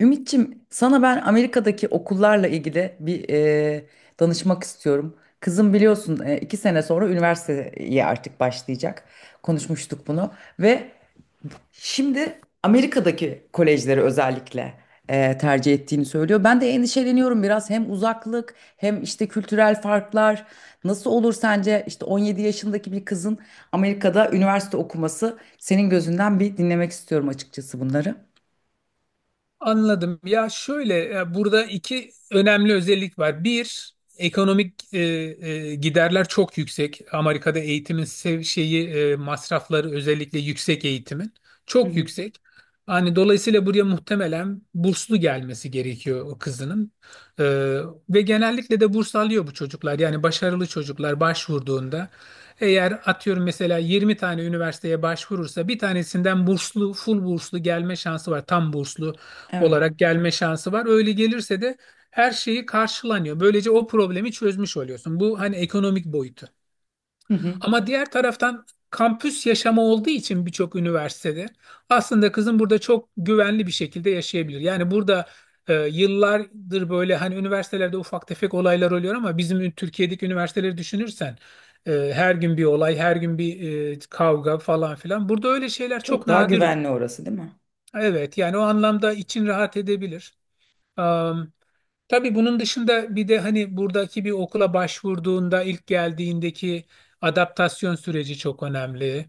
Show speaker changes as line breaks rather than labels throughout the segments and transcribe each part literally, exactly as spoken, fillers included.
Ümitçim, sana ben Amerika'daki okullarla ilgili bir e, danışmak istiyorum. Kızım biliyorsun e, iki sene sonra üniversiteye artık başlayacak. Konuşmuştuk bunu ve şimdi Amerika'daki kolejleri özellikle e, tercih ettiğini söylüyor. Ben de endişeleniyorum biraz, hem uzaklık hem işte kültürel farklar. Nasıl olur sence, işte on yedi yaşındaki bir kızın Amerika'da üniversite okuması, senin gözünden bir dinlemek istiyorum açıkçası bunları.
Anladım. Ya şöyle e, burada iki önemli özellik var. Bir, ekonomik e, e, giderler çok yüksek. Amerika'da eğitimin sev- şeyi e, masrafları, özellikle yüksek eğitimin
Hı
çok
hı.
yüksek. Hani dolayısıyla buraya muhtemelen burslu gelmesi gerekiyor o kızının. E, Ve genellikle de burs alıyor bu çocuklar. Yani başarılı çocuklar başvurduğunda, eğer atıyorum mesela yirmi tane üniversiteye başvurursa, bir tanesinden burslu, full burslu gelme şansı var. Tam burslu
Evet.
olarak gelme şansı var. Öyle gelirse de her şeyi karşılanıyor. Böylece o problemi çözmüş oluyorsun. Bu, hani, ekonomik boyutu. Ama diğer taraftan, kampüs yaşamı olduğu için birçok üniversitede, aslında kızın burada çok güvenli bir şekilde yaşayabilir. Yani burada e, yıllardır böyle hani üniversitelerde ufak tefek olaylar oluyor, ama bizim Türkiye'deki üniversiteleri düşünürsen e, her gün bir olay, her gün bir e, kavga falan filan. Burada öyle şeyler çok
Çok daha
nadir
güvenli
oluyor.
orası değil mi?
Evet, yani o anlamda için rahat edebilir. Tabii bunun dışında bir de hani buradaki bir okula başvurduğunda, ilk geldiğindeki adaptasyon süreci çok önemli.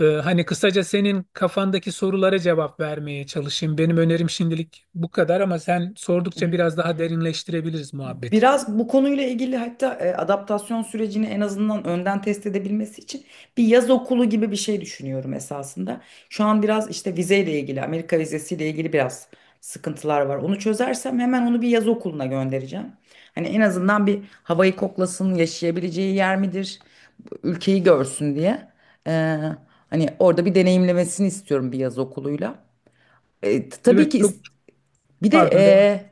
Ee, hani kısaca senin kafandaki sorulara cevap vermeye çalışayım. Benim önerim şimdilik bu kadar, ama sen
Hı
sordukça
hı.
biraz daha derinleştirebiliriz muhabbeti.
Biraz bu konuyla ilgili, hatta e, adaptasyon sürecini en azından önden test edebilmesi için bir yaz okulu gibi bir şey düşünüyorum esasında. Şu an biraz işte vizeyle ilgili, Amerika vizesiyle ilgili biraz sıkıntılar var. Onu çözersem hemen onu bir yaz okuluna göndereceğim. Hani en azından bir havayı koklasın, yaşayabileceği yer midir, ülkeyi görsün diye. Ee, Hani orada bir deneyimlemesini istiyorum bir yaz okuluyla. E, t- tabii
Evet
ki is-
çok,
bir de
pardon.
e,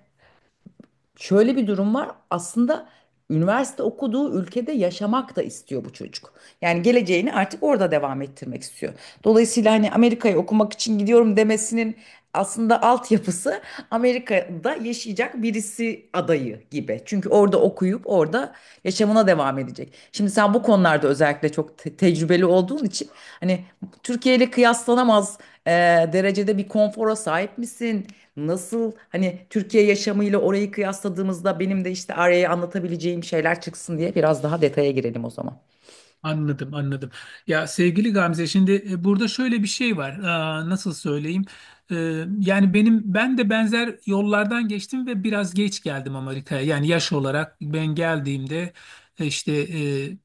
şöyle bir durum var. Aslında üniversite okuduğu ülkede yaşamak da istiyor bu çocuk. Yani geleceğini artık orada devam ettirmek istiyor. Dolayısıyla hani Amerika'ya okumak için gidiyorum demesinin aslında altyapısı Amerika'da yaşayacak birisi adayı gibi. Çünkü orada okuyup orada yaşamına devam edecek. Şimdi sen bu konularda özellikle çok te- tecrübeli olduğun için, hani Türkiye ile kıyaslanamaz e, derecede bir konfora sahip misin? Nasıl hani Türkiye yaşamıyla orayı kıyasladığımızda benim de işte araya anlatabileceğim şeyler çıksın diye biraz daha detaya girelim o zaman.
Anladım, anladım. Ya sevgili Gamze, şimdi e, burada şöyle bir şey var. Aa, nasıl söyleyeyim? Ee, Yani benim ben de benzer yollardan geçtim ve biraz geç geldim Amerika'ya. Yani yaş olarak ben geldiğimde e, işte e,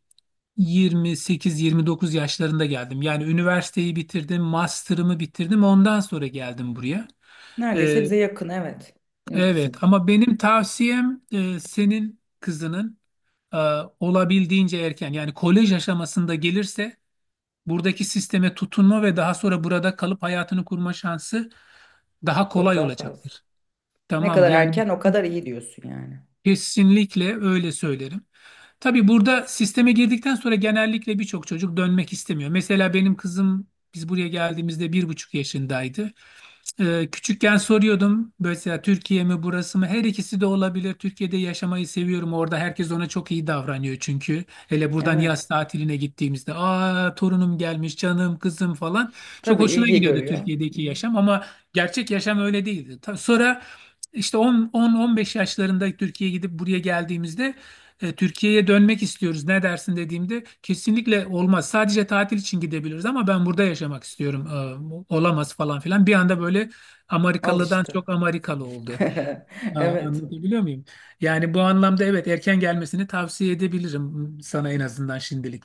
yirmi sekiz yirmi dokuz yaşlarında geldim. Yani üniversiteyi bitirdim, master'ımı bitirdim. Ondan sonra geldim buraya. Ee,
Neredeyse bize yakın, evet. Benim
evet,
kızım.
ama benim tavsiyem e, senin kızının e, olabildiğince erken, yani kolej aşamasında gelirse, buradaki sisteme tutunma ve daha sonra burada kalıp hayatını kurma şansı daha
Çok
kolay
daha fazla.
olacaktır.
Ne
Tamam mı?
kadar
Yani
erken o kadar iyi diyorsun yani.
kesinlikle öyle söylerim. Tabii burada sisteme girdikten sonra genellikle birçok çocuk dönmek istemiyor. Mesela benim kızım, biz buraya geldiğimizde bir buçuk yaşındaydı. Ee, küçükken soruyordum mesela, Türkiye mi burası mı? Her ikisi de olabilir. Türkiye'de yaşamayı seviyorum. Orada herkes ona çok iyi davranıyor çünkü. Hele buradan yaz
Evet.
tatiline gittiğimizde, aa torunum gelmiş, canım, kızım falan. Çok
Tabii
hoşuna
ilgi
gidiyordu
görüyor. Hı
Türkiye'deki
hı.
yaşam, ama gerçek yaşam öyle değildi. Ta- Sonra işte on on beş yaşlarında Türkiye'ye gidip buraya geldiğimizde e, Türkiye'ye dönmek istiyoruz, ne dersin dediğimde, kesinlikle olmaz. Sadece tatil için gidebiliriz, ama ben burada yaşamak istiyorum. E, olamaz falan filan. Bir anda böyle
Al
Amerikalı'dan
işte.
çok Amerikalı oldu. Aa,
Evet.
anlatabiliyor muyum? Yani bu anlamda evet, erken gelmesini tavsiye edebilirim sana, en azından şimdilik.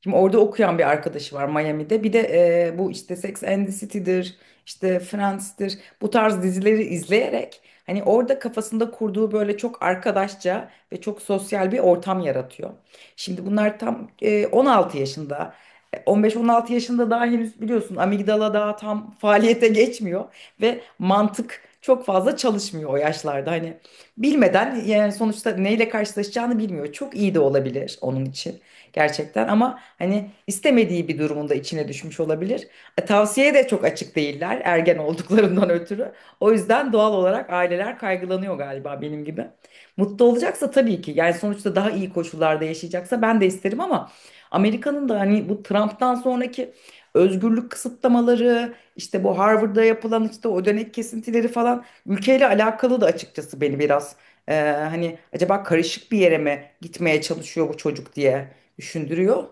Şimdi orada okuyan bir arkadaşı var, Miami'de. Bir de e, bu işte Sex and the City'dir, işte Friends'tir. Bu tarz dizileri izleyerek hani orada kafasında kurduğu böyle çok arkadaşça ve çok sosyal bir ortam yaratıyor. Şimdi bunlar tam e, on altı yaşında. E, on beş on altı yaşında, daha henüz biliyorsun amigdala daha tam faaliyete geçmiyor ve mantık çok fazla çalışmıyor o yaşlarda. Hani bilmeden, yani sonuçta neyle karşılaşacağını bilmiyor. Çok iyi de olabilir onun için gerçekten, ama hani istemediği bir durumunda içine düşmüş olabilir. E, tavsiyeye de çok açık değiller ergen olduklarından ötürü. O yüzden doğal olarak aileler kaygılanıyor galiba, benim gibi. Mutlu olacaksa tabii ki, yani sonuçta daha iyi koşullarda yaşayacaksa ben de isterim, ama Amerika'nın da hani bu Trump'tan sonraki özgürlük kısıtlamaları, işte bu Harvard'da yapılan işte o dönek kesintileri falan, ülkeyle alakalı da açıkçası beni biraz e, hani acaba karışık bir yere mi gitmeye çalışıyor bu çocuk diye düşündürüyor.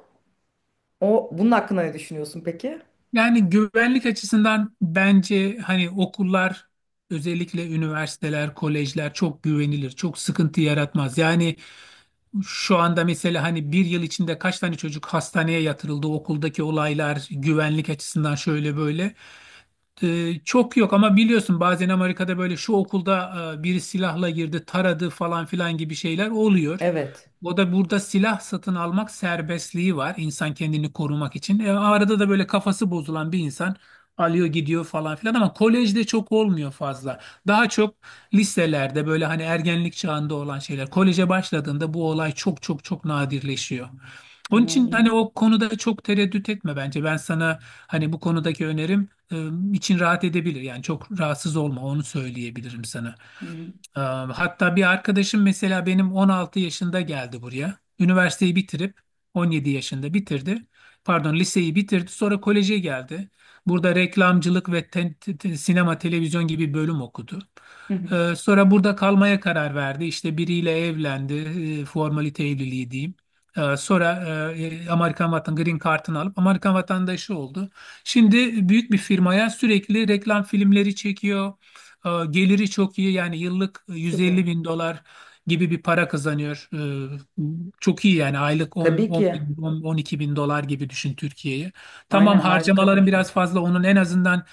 O bunun hakkında ne düşünüyorsun peki?
Yani güvenlik açısından bence hani okullar, özellikle üniversiteler, kolejler çok güvenilir, çok sıkıntı yaratmaz. Yani şu anda mesela hani bir yıl içinde kaç tane çocuk hastaneye yatırıldı, okuldaki olaylar güvenlik açısından şöyle böyle. Ee, çok yok, ama biliyorsun bazen Amerika'da böyle şu okulda e, biri silahla girdi, taradı falan filan gibi şeyler oluyor.
Evet.
O da, burada silah satın almak serbestliği var insan kendini korumak için. E, arada da böyle kafası bozulan bir insan alıyor gidiyor falan filan, ama kolejde çok olmuyor fazla. Daha çok liselerde böyle hani ergenlik çağında olan şeyler. Koleje başladığında bu olay çok çok çok nadirleşiyor. Onun
Aman
için hani
iyi.
o konuda çok tereddüt etme bence. Ben sana hani bu konudaki önerim, e, için rahat edebilir. Yani çok rahatsız olma, onu söyleyebilirim sana.
Hı hı.
Ee, Hatta bir arkadaşım mesela, benim on altı yaşında geldi buraya. Üniversiteyi bitirip on yedi yaşında bitirdi. Pardon, liseyi bitirdi. Sonra koleje geldi. Burada reklamcılık ve te- te- te- sinema televizyon gibi bölüm okudu.
Hı hı.
Ee, Sonra burada kalmaya karar verdi. İşte biriyle evlendi. e, Formalite evliliği diyeyim. Ee, Sonra e, Amerikan vatan Green Card'ını alıp Amerikan vatandaşı oldu. Şimdi büyük bir firmaya sürekli reklam filmleri çekiyor. E, geliri çok iyi, yani yıllık yüz elli
Süper.
bin dolar gibi bir para kazanıyor. E, çok iyi, yani aylık 10,
Tabii
10
ki.
bin, on on iki bin dolar gibi düşün Türkiye'yi. Tamam,
Aynen, harika bir
harcamaların
ücret.
biraz fazla, onun en azından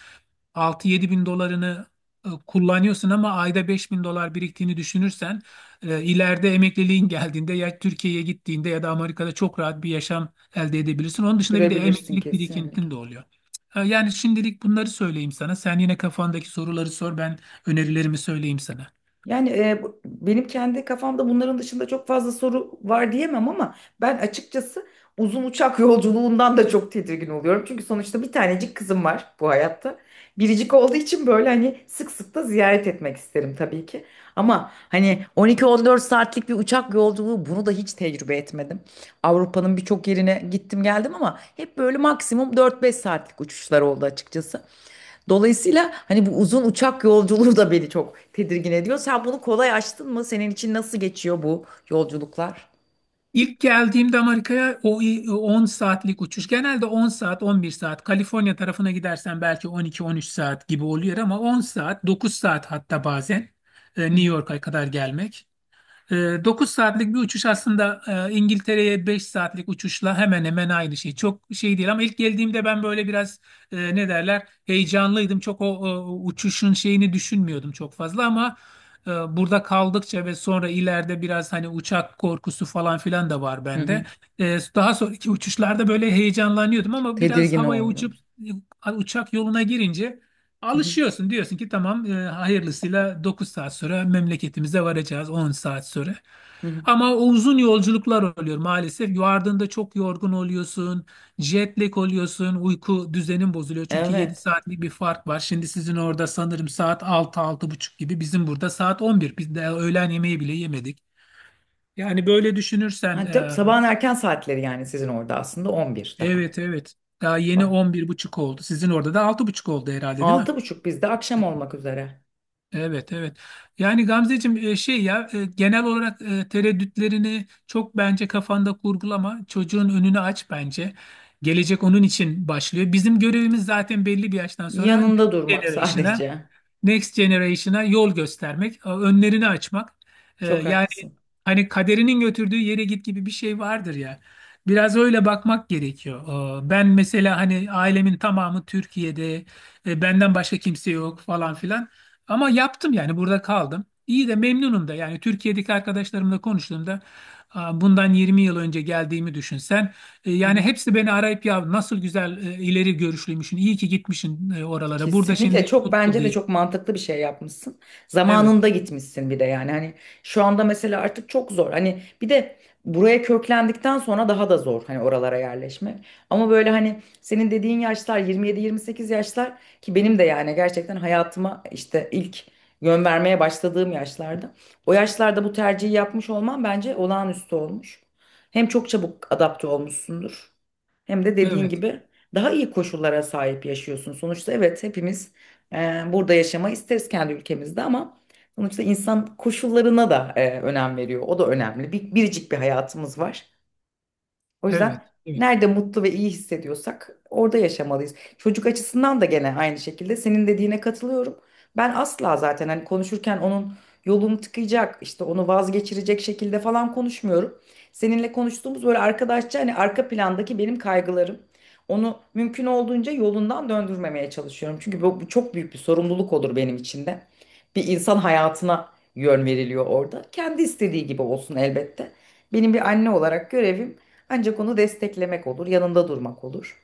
altı yedi bin dolarını e, kullanıyorsun, ama ayda beş bin dolar biriktiğini düşünürsen e, ileride emekliliğin geldiğinde, ya Türkiye'ye gittiğinde ya da Amerika'da çok rahat bir yaşam elde edebilirsin. Onun dışında bir de
Sürebilirsin
emeklilik
kesinlikle.
birikintin de oluyor. E, yani şimdilik bunları söyleyeyim sana. Sen yine kafandaki soruları sor, ben önerilerimi söyleyeyim sana.
Yani e, bu- benim kendi kafamda bunların dışında çok fazla soru var diyemem, ama ben açıkçası uzun uçak yolculuğundan da çok tedirgin oluyorum. Çünkü sonuçta bir tanecik kızım var bu hayatta. Biricik olduğu için böyle hani sık sık da ziyaret etmek isterim tabii ki. Ama hani on iki on dört saatlik bir uçak yolculuğu, bunu da hiç tecrübe etmedim. Avrupa'nın birçok yerine gittim geldim, ama hep böyle maksimum dört beş saatlik uçuşlar oldu açıkçası. Dolayısıyla hani bu uzun uçak yolculuğu da beni çok tedirgin ediyor. Sen bunu kolay aştın mı? Senin için nasıl geçiyor bu yolculuklar?
İlk geldiğimde Amerika'ya, o i- on saatlik uçuş. Genelde on saat, on bir saat. Kaliforniya tarafına gidersen belki on iki on üç saat gibi oluyor, ama on saat, dokuz saat, hatta bazen e,
Hı
New
hı.
York'a kadar gelmek dokuz saatlik bir uçuş aslında. e, İngiltere'ye beş saatlik uçuşla hemen hemen aynı şey. Çok şey değil, ama ilk geldiğimde ben böyle biraz e, ne derler, heyecanlıydım. Çok o, o uçuşun şeyini düşünmüyordum çok fazla, ama e, burada kaldıkça ve sonra ileride, biraz hani uçak korkusu falan filan da var
Hı
bende.
hı.
E, daha sonraki uçuşlarda böyle heyecanlanıyordum, ama biraz
Tedirgin
havaya
oldu.
uçup e, uçak yoluna girince
Hı hı.
alışıyorsun, diyorsun ki tamam, e, hayırlısıyla dokuz saat sonra memleketimize varacağız, on saat sonra.
Hı hı.
Ama o uzun yolculuklar oluyor maalesef. Vardığında çok yorgun oluyorsun, jet lag oluyorsun, uyku düzenin bozuluyor. Çünkü yedi
Evet.
saatlik bir fark var. Şimdi sizin orada sanırım saat altı, altı buçuk gibi, bizim burada saat on bir. Biz de öğlen yemeği bile yemedik. Yani böyle düşünürsen
Hani tab-
e,
sabahın erken saatleri yani, sizin orada aslında on bir daha.
evet, evet, daha yeni
Bak,
on bir buçuk oldu. Sizin orada da altı buçuk oldu herhalde, değil mi?
altı buçuk bizde, akşam olmak üzere.
Evet, evet. Yani Gamzeciğim, e, şey ya e, genel olarak e, tereddütlerini çok bence kafanda kurgulama. Çocuğun önünü aç bence. Gelecek onun için başlıyor. Bizim görevimiz zaten belli bir yaştan sonra next
Yanında durmak
generation'a
sadece.
Next Generation'a yol göstermek, e, önlerini açmak. Ee,
Çok
yani
haklısın.
hani kaderinin götürdüğü yere git gibi bir şey vardır ya. Biraz öyle bakmak gerekiyor. Ee, ben mesela hani ailemin tamamı Türkiye'de, e, benden başka kimse yok falan filan. Ama yaptım, yani burada kaldım. İyi de memnunum da, yani Türkiye'deki arkadaşlarımla konuştuğumda, aa, bundan yirmi yıl önce geldiğimi düşünsen e, yani hepsi beni arayıp ya, nasıl güzel e, ileri görüşlüymüşsün, iyi ki gitmişsin e, oralara. Burada
Kesinlikle,
şimdi
çok
mutlu
bence de,
değil.
çok mantıklı bir şey yapmışsın.
Evet,
Zamanında gitmişsin bir de yani. Hani şu anda mesela artık çok zor. Hani bir de buraya köklendikten sonra daha da zor hani oralara yerleşmek. Ama böyle hani senin dediğin yaşlar, yirmi yedi yirmi sekiz yaşlar ki benim de yani gerçekten hayatıma işte ilk yön vermeye başladığım yaşlarda. O yaşlarda bu tercihi yapmış olman bence olağanüstü olmuş. Hem çok çabuk adapte olmuşsundur. Hem de dediğin
evet,
gibi daha iyi koşullara sahip yaşıyorsun. Sonuçta evet, hepimiz e, burada yaşamayı isteriz kendi ülkemizde, ama sonuçta insan koşullarına da e, önem veriyor. O da önemli. Bir, biricik bir hayatımız var. O yüzden
evet, evet.
nerede mutlu ve iyi hissediyorsak orada yaşamalıyız. Çocuk açısından da gene aynı şekilde senin dediğine katılıyorum. Ben asla zaten hani konuşurken onun yolunu tıkayacak, işte onu vazgeçirecek şekilde falan konuşmuyorum. Seninle konuştuğumuz böyle arkadaşça, hani arka plandaki benim kaygılarım. Onu mümkün olduğunca yolundan döndürmemeye çalışıyorum. Çünkü bu, bu çok büyük bir sorumluluk olur benim için de. Bir insan hayatına yön veriliyor orada. Kendi istediği gibi olsun elbette. Benim bir anne olarak görevim ancak onu desteklemek olur, yanında durmak olur.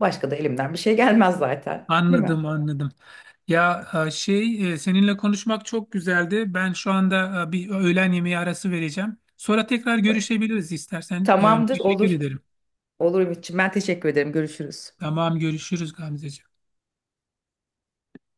Başka da elimden bir şey gelmez zaten, değil mi?
Anladım, anladım. Ya e, şey e, seninle konuşmak çok güzeldi. Ben şu anda e, bir öğlen yemeği arası vereceğim. Sonra tekrar
Ta-
görüşebiliriz istersen. E,
Tamamdır,
teşekkür
olur.
ederim.
Olur Ümitciğim. Ben teşekkür ederim. Görüşürüz.
Tamam, görüşürüz Gamzeciğim.